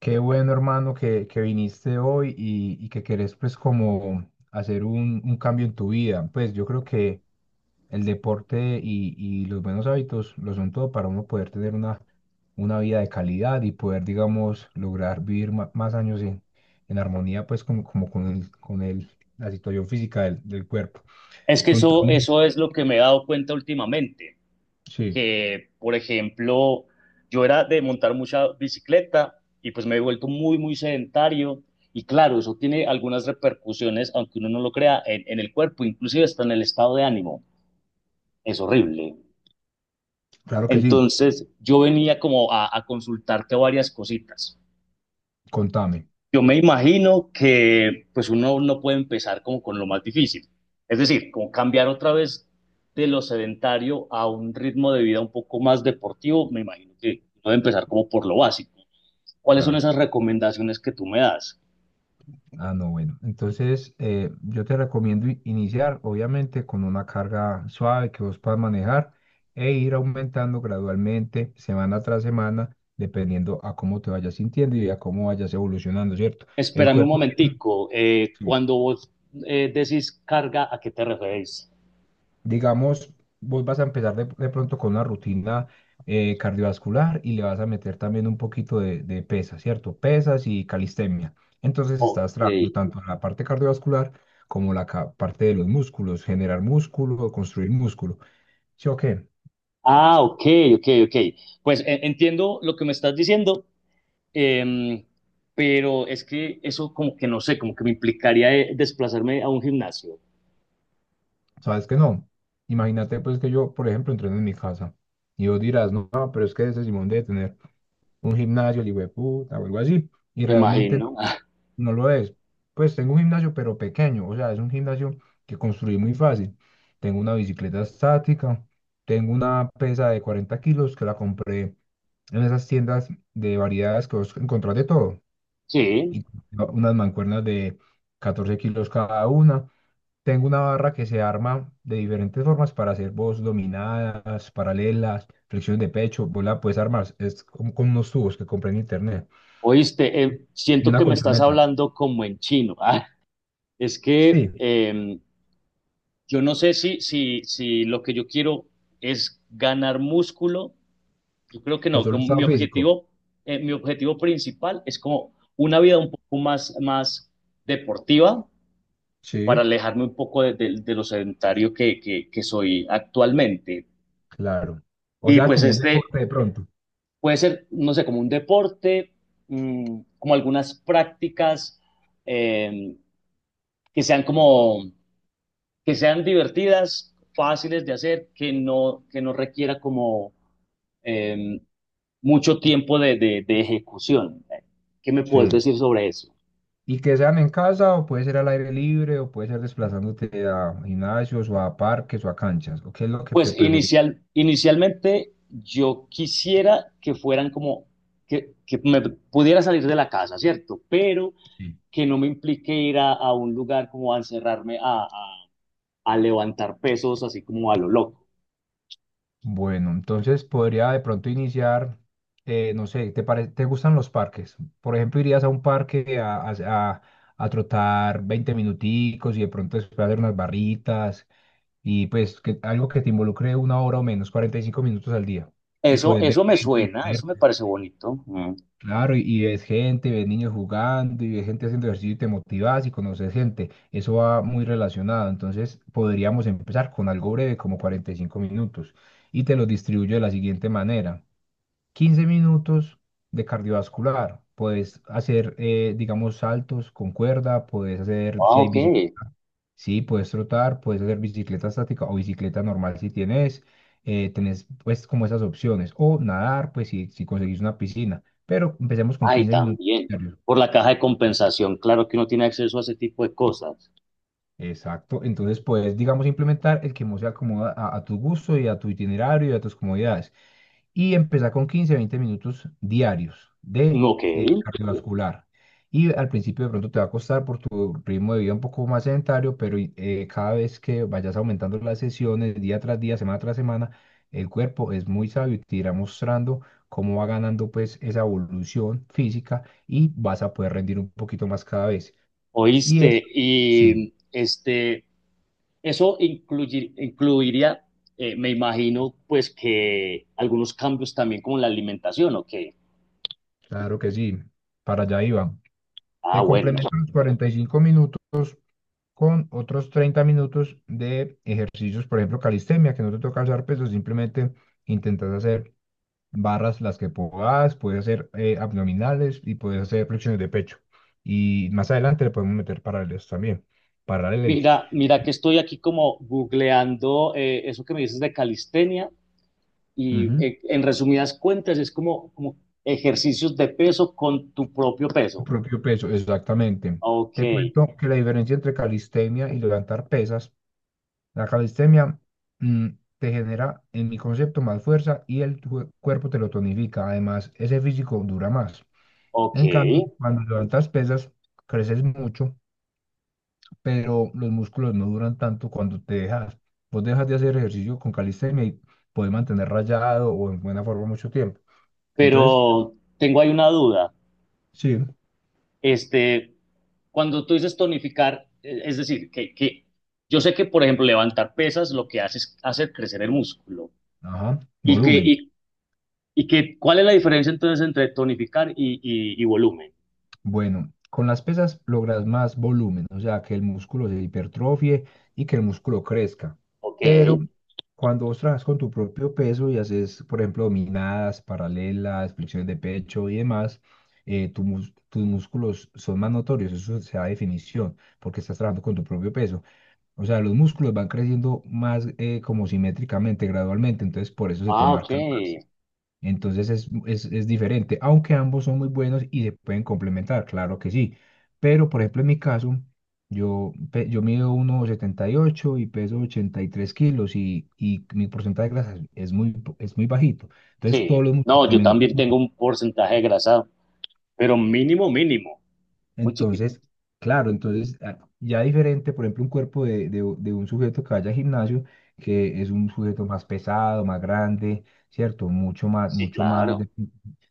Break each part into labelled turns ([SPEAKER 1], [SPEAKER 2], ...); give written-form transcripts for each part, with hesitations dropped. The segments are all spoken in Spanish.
[SPEAKER 1] Qué bueno, hermano, que viniste hoy y que querés pues como hacer un cambio en tu vida. Pues yo creo que el deporte y los buenos hábitos lo son todo para uno poder tener una vida de calidad y poder, digamos, lograr vivir más años en armonía pues como con con la situación física del cuerpo.
[SPEAKER 2] Es que eso,
[SPEAKER 1] Contame.
[SPEAKER 2] eso es lo que me he dado cuenta últimamente,
[SPEAKER 1] Sí,
[SPEAKER 2] que por ejemplo, yo era de montar mucha bicicleta y pues me he vuelto muy, muy sedentario y claro, eso tiene algunas repercusiones, aunque uno no lo crea, en el cuerpo, inclusive hasta en el estado de ánimo. Es horrible.
[SPEAKER 1] claro que sí,
[SPEAKER 2] Entonces yo venía como a consultarte varias cositas.
[SPEAKER 1] contame,
[SPEAKER 2] Yo me imagino que pues uno no puede empezar como con lo más difícil, es decir, como cambiar otra vez de lo sedentario a un ritmo de vida un poco más deportivo, me imagino que uno debe empezar como por lo básico. ¿Cuáles son
[SPEAKER 1] claro.
[SPEAKER 2] esas recomendaciones que tú me das?
[SPEAKER 1] Ah, no, bueno. Entonces, yo te recomiendo iniciar, obviamente, con una carga suave que vos puedas manejar e ir aumentando gradualmente, semana tras semana, dependiendo a cómo te vayas sintiendo y a cómo vayas evolucionando, ¿cierto? El
[SPEAKER 2] Espérame un
[SPEAKER 1] cuerpo,
[SPEAKER 2] momentico,
[SPEAKER 1] sí,
[SPEAKER 2] cuando vos decís carga, ¿a qué te referís?
[SPEAKER 1] digamos, vos vas a empezar de pronto con una rutina cardiovascular y le vas a meter también un poquito de pesas, ¿cierto? Pesas y calistenia. Entonces
[SPEAKER 2] Ok.
[SPEAKER 1] estás trabajando tanto en la parte cardiovascular como la parte de los músculos, generar músculo, construir músculo. ¿Sí o qué?
[SPEAKER 2] Ah, ok, ok, ok. Pues entiendo lo que me estás diciendo, Em, pero es que eso como que no sé, como que me implicaría desplazarme a un gimnasio,
[SPEAKER 1] ¿Sabes que no? Imagínate pues que yo, por ejemplo, entreno en mi casa y vos dirás, no, no, pero es que ese Simón debe tener un gimnasio, el hijo de puta o algo así. Y
[SPEAKER 2] me
[SPEAKER 1] realmente
[SPEAKER 2] imagino.
[SPEAKER 1] no lo es. Pues tengo un gimnasio, pero pequeño, o sea, es un gimnasio que construí muy fácil. Tengo una bicicleta estática, tengo una pesa de 40 kilos que la compré en esas tiendas de variedades que vos encontrás de todo.
[SPEAKER 2] Sí,
[SPEAKER 1] Y unas mancuernas de 14 kilos cada una. Tengo una barra que se arma de diferentes formas para hacer vos dominadas, paralelas, flexiones de pecho. Vos la puedes armar, es como con unos tubos que compré en internet.
[SPEAKER 2] oíste,
[SPEAKER 1] Y
[SPEAKER 2] siento
[SPEAKER 1] una
[SPEAKER 2] que me estás
[SPEAKER 1] colchoneta.
[SPEAKER 2] hablando como en chino. Ah, es que
[SPEAKER 1] Sí,
[SPEAKER 2] yo no sé si lo que yo quiero es ganar músculo. Yo creo que
[SPEAKER 1] o
[SPEAKER 2] no,
[SPEAKER 1] solo
[SPEAKER 2] como
[SPEAKER 1] estado físico.
[SPEAKER 2] mi objetivo principal es como una vida un poco más, más deportiva para
[SPEAKER 1] Sí,
[SPEAKER 2] alejarme un poco de lo sedentario que soy actualmente.
[SPEAKER 1] claro. O
[SPEAKER 2] Y
[SPEAKER 1] sea,
[SPEAKER 2] pues
[SPEAKER 1] como un
[SPEAKER 2] este
[SPEAKER 1] deporte de pronto.
[SPEAKER 2] puede ser, no sé, como un deporte, como algunas prácticas eh, que sean como, que sean divertidas, fáciles de hacer, que no requiera como eh, mucho tiempo de ejecución. ¿Qué me puedes
[SPEAKER 1] Sí.
[SPEAKER 2] decir sobre eso?
[SPEAKER 1] Y que sean en casa o puede ser al aire libre o puede ser desplazándote a gimnasios o a parques o a canchas. ¿O qué es lo que te
[SPEAKER 2] Pues
[SPEAKER 1] preferís?
[SPEAKER 2] inicialmente yo quisiera que fueran como, que me pudiera salir de la casa, ¿cierto? Pero
[SPEAKER 1] Sí.
[SPEAKER 2] que no me implique ir a un lugar como a encerrarme a levantar pesos así como a lo loco.
[SPEAKER 1] Bueno, entonces podría de pronto iniciar, no sé, te gustan los parques? Por ejemplo, irías a un parque a trotar 20 minuticos y de pronto después hacer unas barritas y pues que, algo que te involucre una hora o menos, 45 minutos al día. Y
[SPEAKER 2] Eso,
[SPEAKER 1] puedes ver
[SPEAKER 2] eso me
[SPEAKER 1] gente,
[SPEAKER 2] suena, eso me parece bonito. Mm.
[SPEAKER 1] claro, y ves gente, ves niños jugando y ves gente haciendo ejercicio y te motivas y conoces gente. Eso va muy relacionado. Entonces podríamos empezar con algo breve como 45 minutos y te lo distribuyo de la siguiente manera. 15 minutos de cardiovascular. Puedes hacer, digamos, saltos con cuerda, puedes hacer,
[SPEAKER 2] Ah,
[SPEAKER 1] si hay
[SPEAKER 2] ok.
[SPEAKER 1] bicicleta, sí, puedes trotar, puedes hacer bicicleta estática o bicicleta normal si tenés pues como esas opciones. O nadar, pues si conseguís una piscina. Pero empecemos con
[SPEAKER 2] Ay,
[SPEAKER 1] 15 minutos
[SPEAKER 2] también.
[SPEAKER 1] diarios.
[SPEAKER 2] Por la caja de compensación, claro que uno tiene acceso a ese tipo de cosas.
[SPEAKER 1] Exacto. Entonces puedes, digamos, implementar el que más se acomoda a tu gusto y a tu itinerario y a tus comodidades. Y empezar con 15, 20 minutos diarios de
[SPEAKER 2] Ok,
[SPEAKER 1] cardiovascular. Y al principio de pronto te va a costar por tu ritmo de vida un poco más sedentario, pero cada vez que vayas aumentando las sesiones día tras día, semana tras semana, el cuerpo es muy sabio y te irá mostrando cómo va ganando pues esa evolución física y vas a poder rendir un poquito más cada vez. Y eso,
[SPEAKER 2] oíste.
[SPEAKER 1] sí,
[SPEAKER 2] Y este, eso incluiría, me imagino, pues que algunos cambios también como en la alimentación, ok.
[SPEAKER 1] claro que sí, para allá iba.
[SPEAKER 2] Ah,
[SPEAKER 1] Te
[SPEAKER 2] bueno.
[SPEAKER 1] complemento los 45 minutos con otros 30 minutos de ejercicios, por ejemplo, calistenia, que no te toca alzar pesos, simplemente intentas hacer barras las que puedas, puedes hacer abdominales y puedes hacer flexiones de pecho. Y más adelante le podemos meter paralelas también, paralelas.
[SPEAKER 2] Mira, mira que estoy aquí como googleando eso que me dices de calistenia y
[SPEAKER 1] Ujú.
[SPEAKER 2] en resumidas cuentas es como ejercicios de peso con tu propio
[SPEAKER 1] Tu
[SPEAKER 2] peso.
[SPEAKER 1] propio peso, exactamente.
[SPEAKER 2] Ok,
[SPEAKER 1] Te cuento que la diferencia entre calistenia y levantar pesas, la calistenia mm, te genera, en mi concepto, más fuerza y el cuerpo te lo tonifica. Además, ese físico dura más.
[SPEAKER 2] ok,
[SPEAKER 1] En cambio, cuando levantas pesas, creces mucho, pero los músculos no duran tanto cuando te dejas. Vos dejas de hacer ejercicio con calistenia y puedes mantener rayado o en buena forma mucho tiempo. Entonces,
[SPEAKER 2] pero tengo ahí una duda.
[SPEAKER 1] sí,
[SPEAKER 2] Este, cuando tú dices tonificar, es decir, que yo sé que, por ejemplo, levantar pesas lo que hace es hacer crecer el músculo.
[SPEAKER 1] ajá,
[SPEAKER 2] ¿Y que,
[SPEAKER 1] volumen.
[SPEAKER 2] y, y que cuál es la diferencia entonces entre tonificar y volumen?
[SPEAKER 1] Bueno, con las pesas logras más volumen, o sea, que el músculo se hipertrofie y que el músculo crezca.
[SPEAKER 2] Ok.
[SPEAKER 1] Pero cuando vos trabajas con tu propio peso y haces, por ejemplo, dominadas, paralelas, flexiones de pecho y demás, tus músculos son más notorios, eso se da definición, porque estás trabajando con tu propio peso. O sea, los músculos van creciendo más como simétricamente, gradualmente, entonces por eso se te
[SPEAKER 2] Ah, ok.
[SPEAKER 1] marcan más. Entonces es diferente, aunque ambos son muy buenos y se pueden complementar, claro que sí. Pero, por ejemplo, en mi caso, yo mido 1,78 y peso 83 kilos y mi porcentaje de grasa es muy bajito. Entonces todos
[SPEAKER 2] Sí.
[SPEAKER 1] los músculos
[SPEAKER 2] No,
[SPEAKER 1] se
[SPEAKER 2] yo
[SPEAKER 1] me notan.
[SPEAKER 2] también tengo un porcentaje de grasa, pero mínimo, mínimo. Muy chiquito.
[SPEAKER 1] Entonces, claro, entonces ya diferente, por ejemplo, un cuerpo de un sujeto que vaya al gimnasio, que es un sujeto más pesado, más grande, ¿cierto?
[SPEAKER 2] Sí,
[SPEAKER 1] Mucho más,
[SPEAKER 2] claro.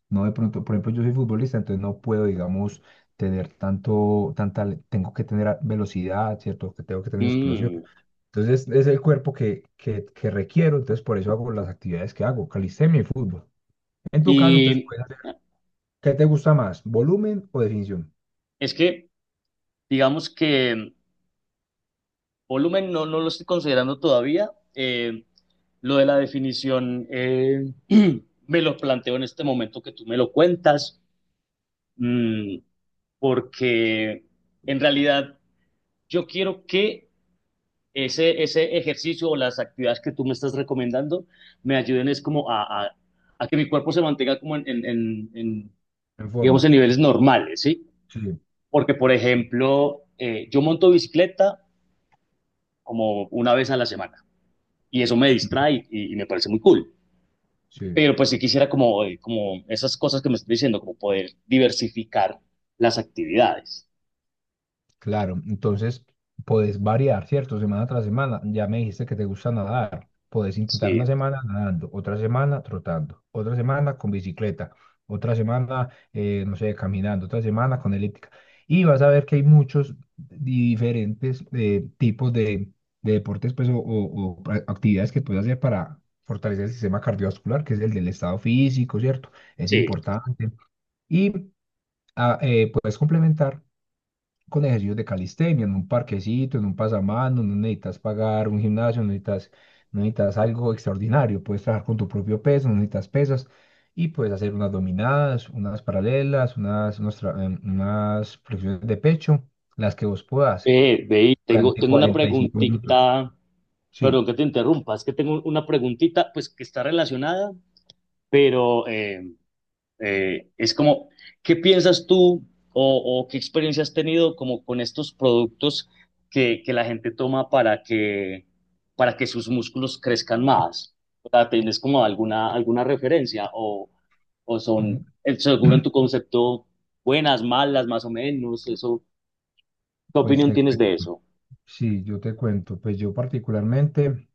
[SPEAKER 1] no de pronto, por ejemplo, yo soy futbolista, entonces no puedo, digamos, tener tanto, tanta, tengo que tener velocidad, ¿cierto? Que tengo que tener explosión.
[SPEAKER 2] Mm.
[SPEAKER 1] Entonces, es el cuerpo que requiero, entonces por eso hago las actividades que hago, calistenia y fútbol. En tu caso, entonces,
[SPEAKER 2] Y
[SPEAKER 1] ¿qué te gusta más, volumen o definición?
[SPEAKER 2] es que, digamos que volumen no lo estoy considerando todavía. Lo de la definición me lo planteo en este momento que tú me lo cuentas, mm, porque en realidad yo quiero que ese ejercicio o las actividades que tú me estás recomendando me ayuden es como a que mi cuerpo se mantenga como en,
[SPEAKER 1] En
[SPEAKER 2] digamos,
[SPEAKER 1] forma.
[SPEAKER 2] en niveles normales, ¿sí?
[SPEAKER 1] Sí. Ujú.
[SPEAKER 2] Porque, por ejemplo, yo monto bicicleta como una vez a la semana y eso me distrae y me parece muy cool.
[SPEAKER 1] Sí,
[SPEAKER 2] Pero pues si quisiera como esas cosas que me estás diciendo, como poder diversificar las actividades.
[SPEAKER 1] claro. Entonces, podés variar, ¿cierto? Semana tras semana. Ya me dijiste que te gusta nadar. Podés intentar
[SPEAKER 2] Sí,
[SPEAKER 1] una semana nadando, otra semana trotando, otra semana con bicicleta, otra semana, no sé, caminando, otra semana con elíptica. Y vas a ver que hay muchos diferentes tipos de deportes pues, o actividades que puedes hacer para fortalecer el sistema cardiovascular, que es el del estado físico, ¿cierto? Es
[SPEAKER 2] sí.
[SPEAKER 1] importante. Y puedes complementar con ejercicios de calistenia, en un parquecito, en un pasamano, no necesitas pagar un gimnasio, no necesitas, algo extraordinario, puedes trabajar con tu propio peso, no necesitas pesas y puedes hacer unas dominadas, unas paralelas, unas, unos tra- em, unas flexiones de pecho, las que vos puedas
[SPEAKER 2] Ve, y tengo,
[SPEAKER 1] durante
[SPEAKER 2] tengo una
[SPEAKER 1] 45 minutos.
[SPEAKER 2] preguntita. Perdón
[SPEAKER 1] Sí.
[SPEAKER 2] que te interrumpa, es que tengo una preguntita, pues que está relacionada, pero es como, ¿qué piensas tú o qué experiencia has tenido como con estos productos que la gente toma para que sus músculos crezcan más? O sea, ¿tienes como alguna referencia o
[SPEAKER 1] Mm.
[SPEAKER 2] son, seguro en tu concepto, buenas, malas, más o menos? Eso, ¿qué
[SPEAKER 1] Pues
[SPEAKER 2] opinión
[SPEAKER 1] te
[SPEAKER 2] tienes
[SPEAKER 1] cuento.
[SPEAKER 2] de eso?
[SPEAKER 1] Sí, yo te cuento. Pues yo particularmente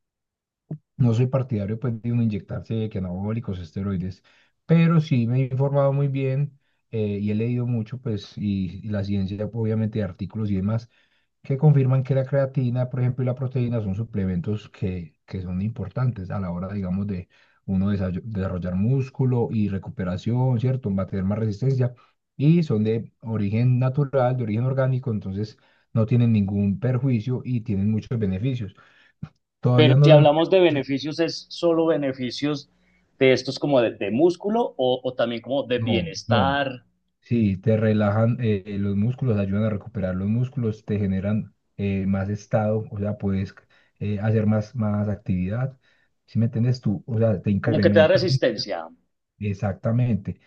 [SPEAKER 1] no soy partidario pues, de uno inyectarse que anabólicos, esteroides, pero sí me he informado muy bien y he leído mucho, pues, y la ciencia, obviamente, de artículos y demás que confirman que la creatina, por ejemplo, y la proteína son suplementos que son importantes a la hora, digamos, de uno desarrollar músculo y recuperación, ¿cierto? Va a tener más resistencia y son de origen natural, de origen orgánico, entonces no tienen ningún perjuicio y tienen muchos beneficios.
[SPEAKER 2] Pero
[SPEAKER 1] Todavía no
[SPEAKER 2] si
[SPEAKER 1] lo
[SPEAKER 2] hablamos de
[SPEAKER 1] empezamos,
[SPEAKER 2] beneficios, ¿es solo beneficios de estos como de músculo o también como de
[SPEAKER 1] no, no.
[SPEAKER 2] bienestar?
[SPEAKER 1] Sí, te relajan los músculos, ayudan a recuperar los músculos, te generan más estado, o sea, puedes hacer más actividad. Si me entiendes tú, o sea, te
[SPEAKER 2] Como que te da
[SPEAKER 1] incrementa.
[SPEAKER 2] resistencia. O
[SPEAKER 1] Exactamente.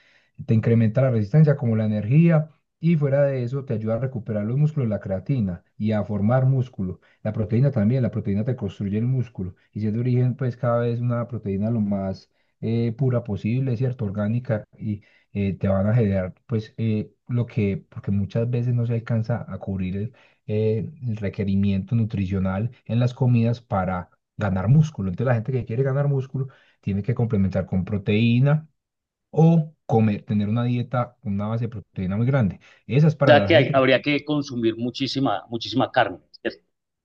[SPEAKER 1] Te incrementa la resistencia como la energía y fuera de eso te ayuda a recuperar los músculos, la creatina y a formar músculo. La proteína también, la proteína te construye el músculo y si es de origen pues cada vez una proteína lo más pura posible, ¿cierto? Orgánica y te van a generar pues lo que, porque muchas veces no se alcanza a cubrir el requerimiento nutricional en las comidas para ganar músculo. Entonces la gente que quiere ganar músculo tiene que complementar con proteína o comer, tener una dieta con una base de proteína muy grande. Esa es para
[SPEAKER 2] sea
[SPEAKER 1] la
[SPEAKER 2] que
[SPEAKER 1] gente que
[SPEAKER 2] habría
[SPEAKER 1] tiene,
[SPEAKER 2] que consumir muchísima, muchísima carne.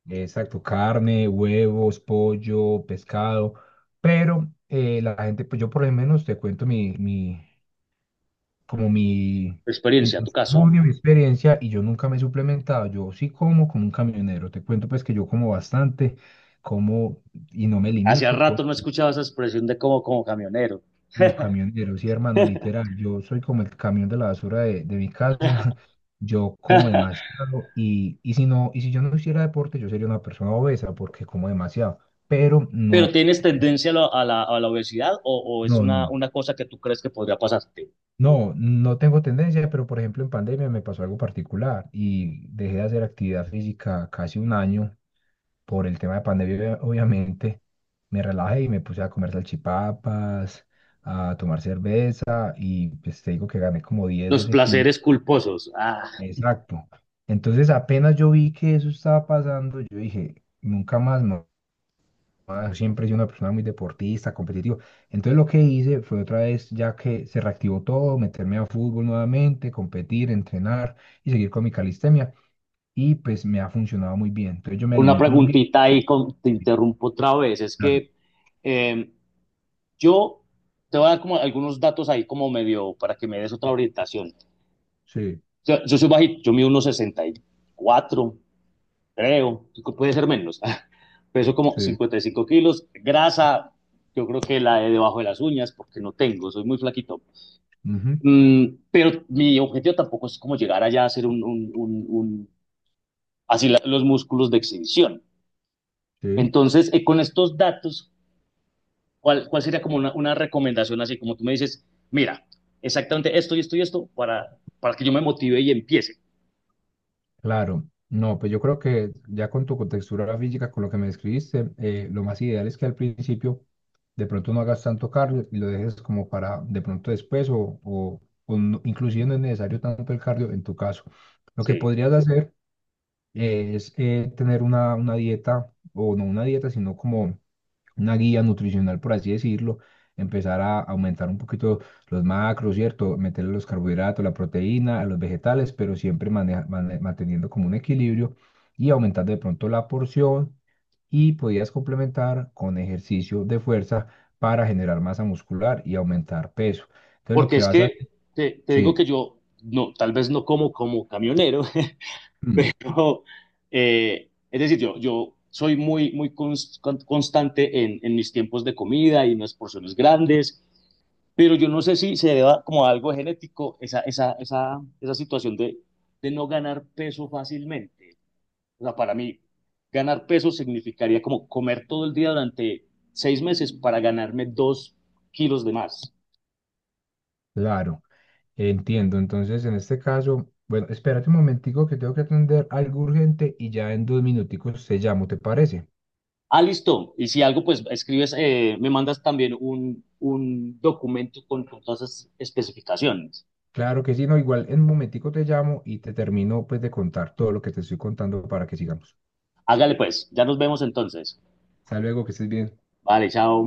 [SPEAKER 1] exacto, carne, huevos, pollo, pescado, pero la gente, pues yo por lo menos te cuento como mi
[SPEAKER 2] Experiencia, tu caso.
[SPEAKER 1] testimonio, mi experiencia, y yo nunca me he suplementado, yo sí como como un camionero, te cuento pues que yo como bastante, como y no me
[SPEAKER 2] Hacía
[SPEAKER 1] limito.
[SPEAKER 2] rato no escuchaba esa expresión de como camionero.
[SPEAKER 1] Como camionero, sí, hermano, literal. Yo soy como el camión de la basura de mi casa. Yo como demasiado y si no, y si yo no hiciera deporte, yo sería una persona obesa porque como demasiado. Pero
[SPEAKER 2] ¿Pero
[SPEAKER 1] no,
[SPEAKER 2] tienes tendencia a la obesidad o es
[SPEAKER 1] no,
[SPEAKER 2] una,
[SPEAKER 1] no.
[SPEAKER 2] una cosa que tú crees que podría pasarte?
[SPEAKER 1] No, no tengo tendencia, pero por ejemplo en pandemia me pasó algo particular y dejé de hacer actividad física casi un año por el tema de pandemia, obviamente. Me relajé y me puse a comer salchipapas, a tomar cerveza y pues te digo que gané como 10,
[SPEAKER 2] Los
[SPEAKER 1] 12 kilos.
[SPEAKER 2] placeres culposos. Ah,
[SPEAKER 1] Exacto. Entonces apenas yo vi que eso estaba pasando, yo dije, nunca más. Siempre he sido una persona muy deportista, competitiva. Entonces lo que hice fue otra vez, ya que se reactivó todo, meterme a fútbol nuevamente, competir, entrenar y seguir con mi calistenia. Y pues me ha funcionado muy bien. Entonces yo me
[SPEAKER 2] una
[SPEAKER 1] alimento muy bien.
[SPEAKER 2] preguntita ahí, te interrumpo otra vez. Es
[SPEAKER 1] Ah,
[SPEAKER 2] que eh, yo te voy a dar como algunos datos ahí como medio para que me des otra orientación.
[SPEAKER 1] sí,
[SPEAKER 2] Yo soy bajito, yo mido unos cuatro creo, puede ser menos. Peso como
[SPEAKER 1] sí,
[SPEAKER 2] 55 kilos, grasa, yo creo que la de debajo de las uñas, porque no tengo, soy muy flaquito.
[SPEAKER 1] ujú,
[SPEAKER 2] Pero mi objetivo tampoco es como llegar allá a ser un así los músculos de exhibición.
[SPEAKER 1] sí.
[SPEAKER 2] Entonces, con estos datos, cuál sería como una recomendación así? Como tú me dices, mira, exactamente esto y esto y esto para que yo me motive y empiece.
[SPEAKER 1] Claro, no, pues yo creo que ya con tu contextura física, con lo que me describiste, lo más ideal es que al principio de pronto no hagas tanto cardio y lo dejes como para de pronto después o inclusive no es necesario tanto el cardio en tu caso. Lo que
[SPEAKER 2] Sí.
[SPEAKER 1] podrías hacer es tener una, dieta, o no una dieta, sino como una guía nutricional, por así decirlo, empezar a aumentar un poquito los macros, ¿cierto? Meterle los carbohidratos, la proteína, a los vegetales, pero siempre manteniendo como un equilibrio y aumentando de pronto la porción y podías complementar con ejercicio de fuerza para generar masa muscular y aumentar peso. Entonces lo
[SPEAKER 2] Porque
[SPEAKER 1] que
[SPEAKER 2] es
[SPEAKER 1] vas a
[SPEAKER 2] que
[SPEAKER 1] hacer,
[SPEAKER 2] te digo
[SPEAKER 1] sí,
[SPEAKER 2] que yo, no, tal vez no como como camionero,
[SPEAKER 1] mm,
[SPEAKER 2] pero es decir, yo soy muy, muy constante en mis tiempos de comida y unas porciones grandes, pero yo no sé si se deba como a algo genético esa situación de no ganar peso fácilmente. O sea, para mí, ganar peso significaría como comer todo el día durante 6 meses para ganarme 2 kilos de más.
[SPEAKER 1] claro, entiendo. Entonces en este caso, bueno, espérate un momentico que tengo que atender algo urgente y ya en 2 minuticos te llamo, ¿te parece?
[SPEAKER 2] Ah, listo. Y si algo, pues escribes, me mandas también un documento con todas esas especificaciones.
[SPEAKER 1] Claro que sí, no, igual en un momentico te llamo y te termino pues de contar todo lo que te estoy contando para que sigamos.
[SPEAKER 2] Hágale pues, ya nos vemos entonces.
[SPEAKER 1] Hasta luego, que estés bien.
[SPEAKER 2] Vale, chao.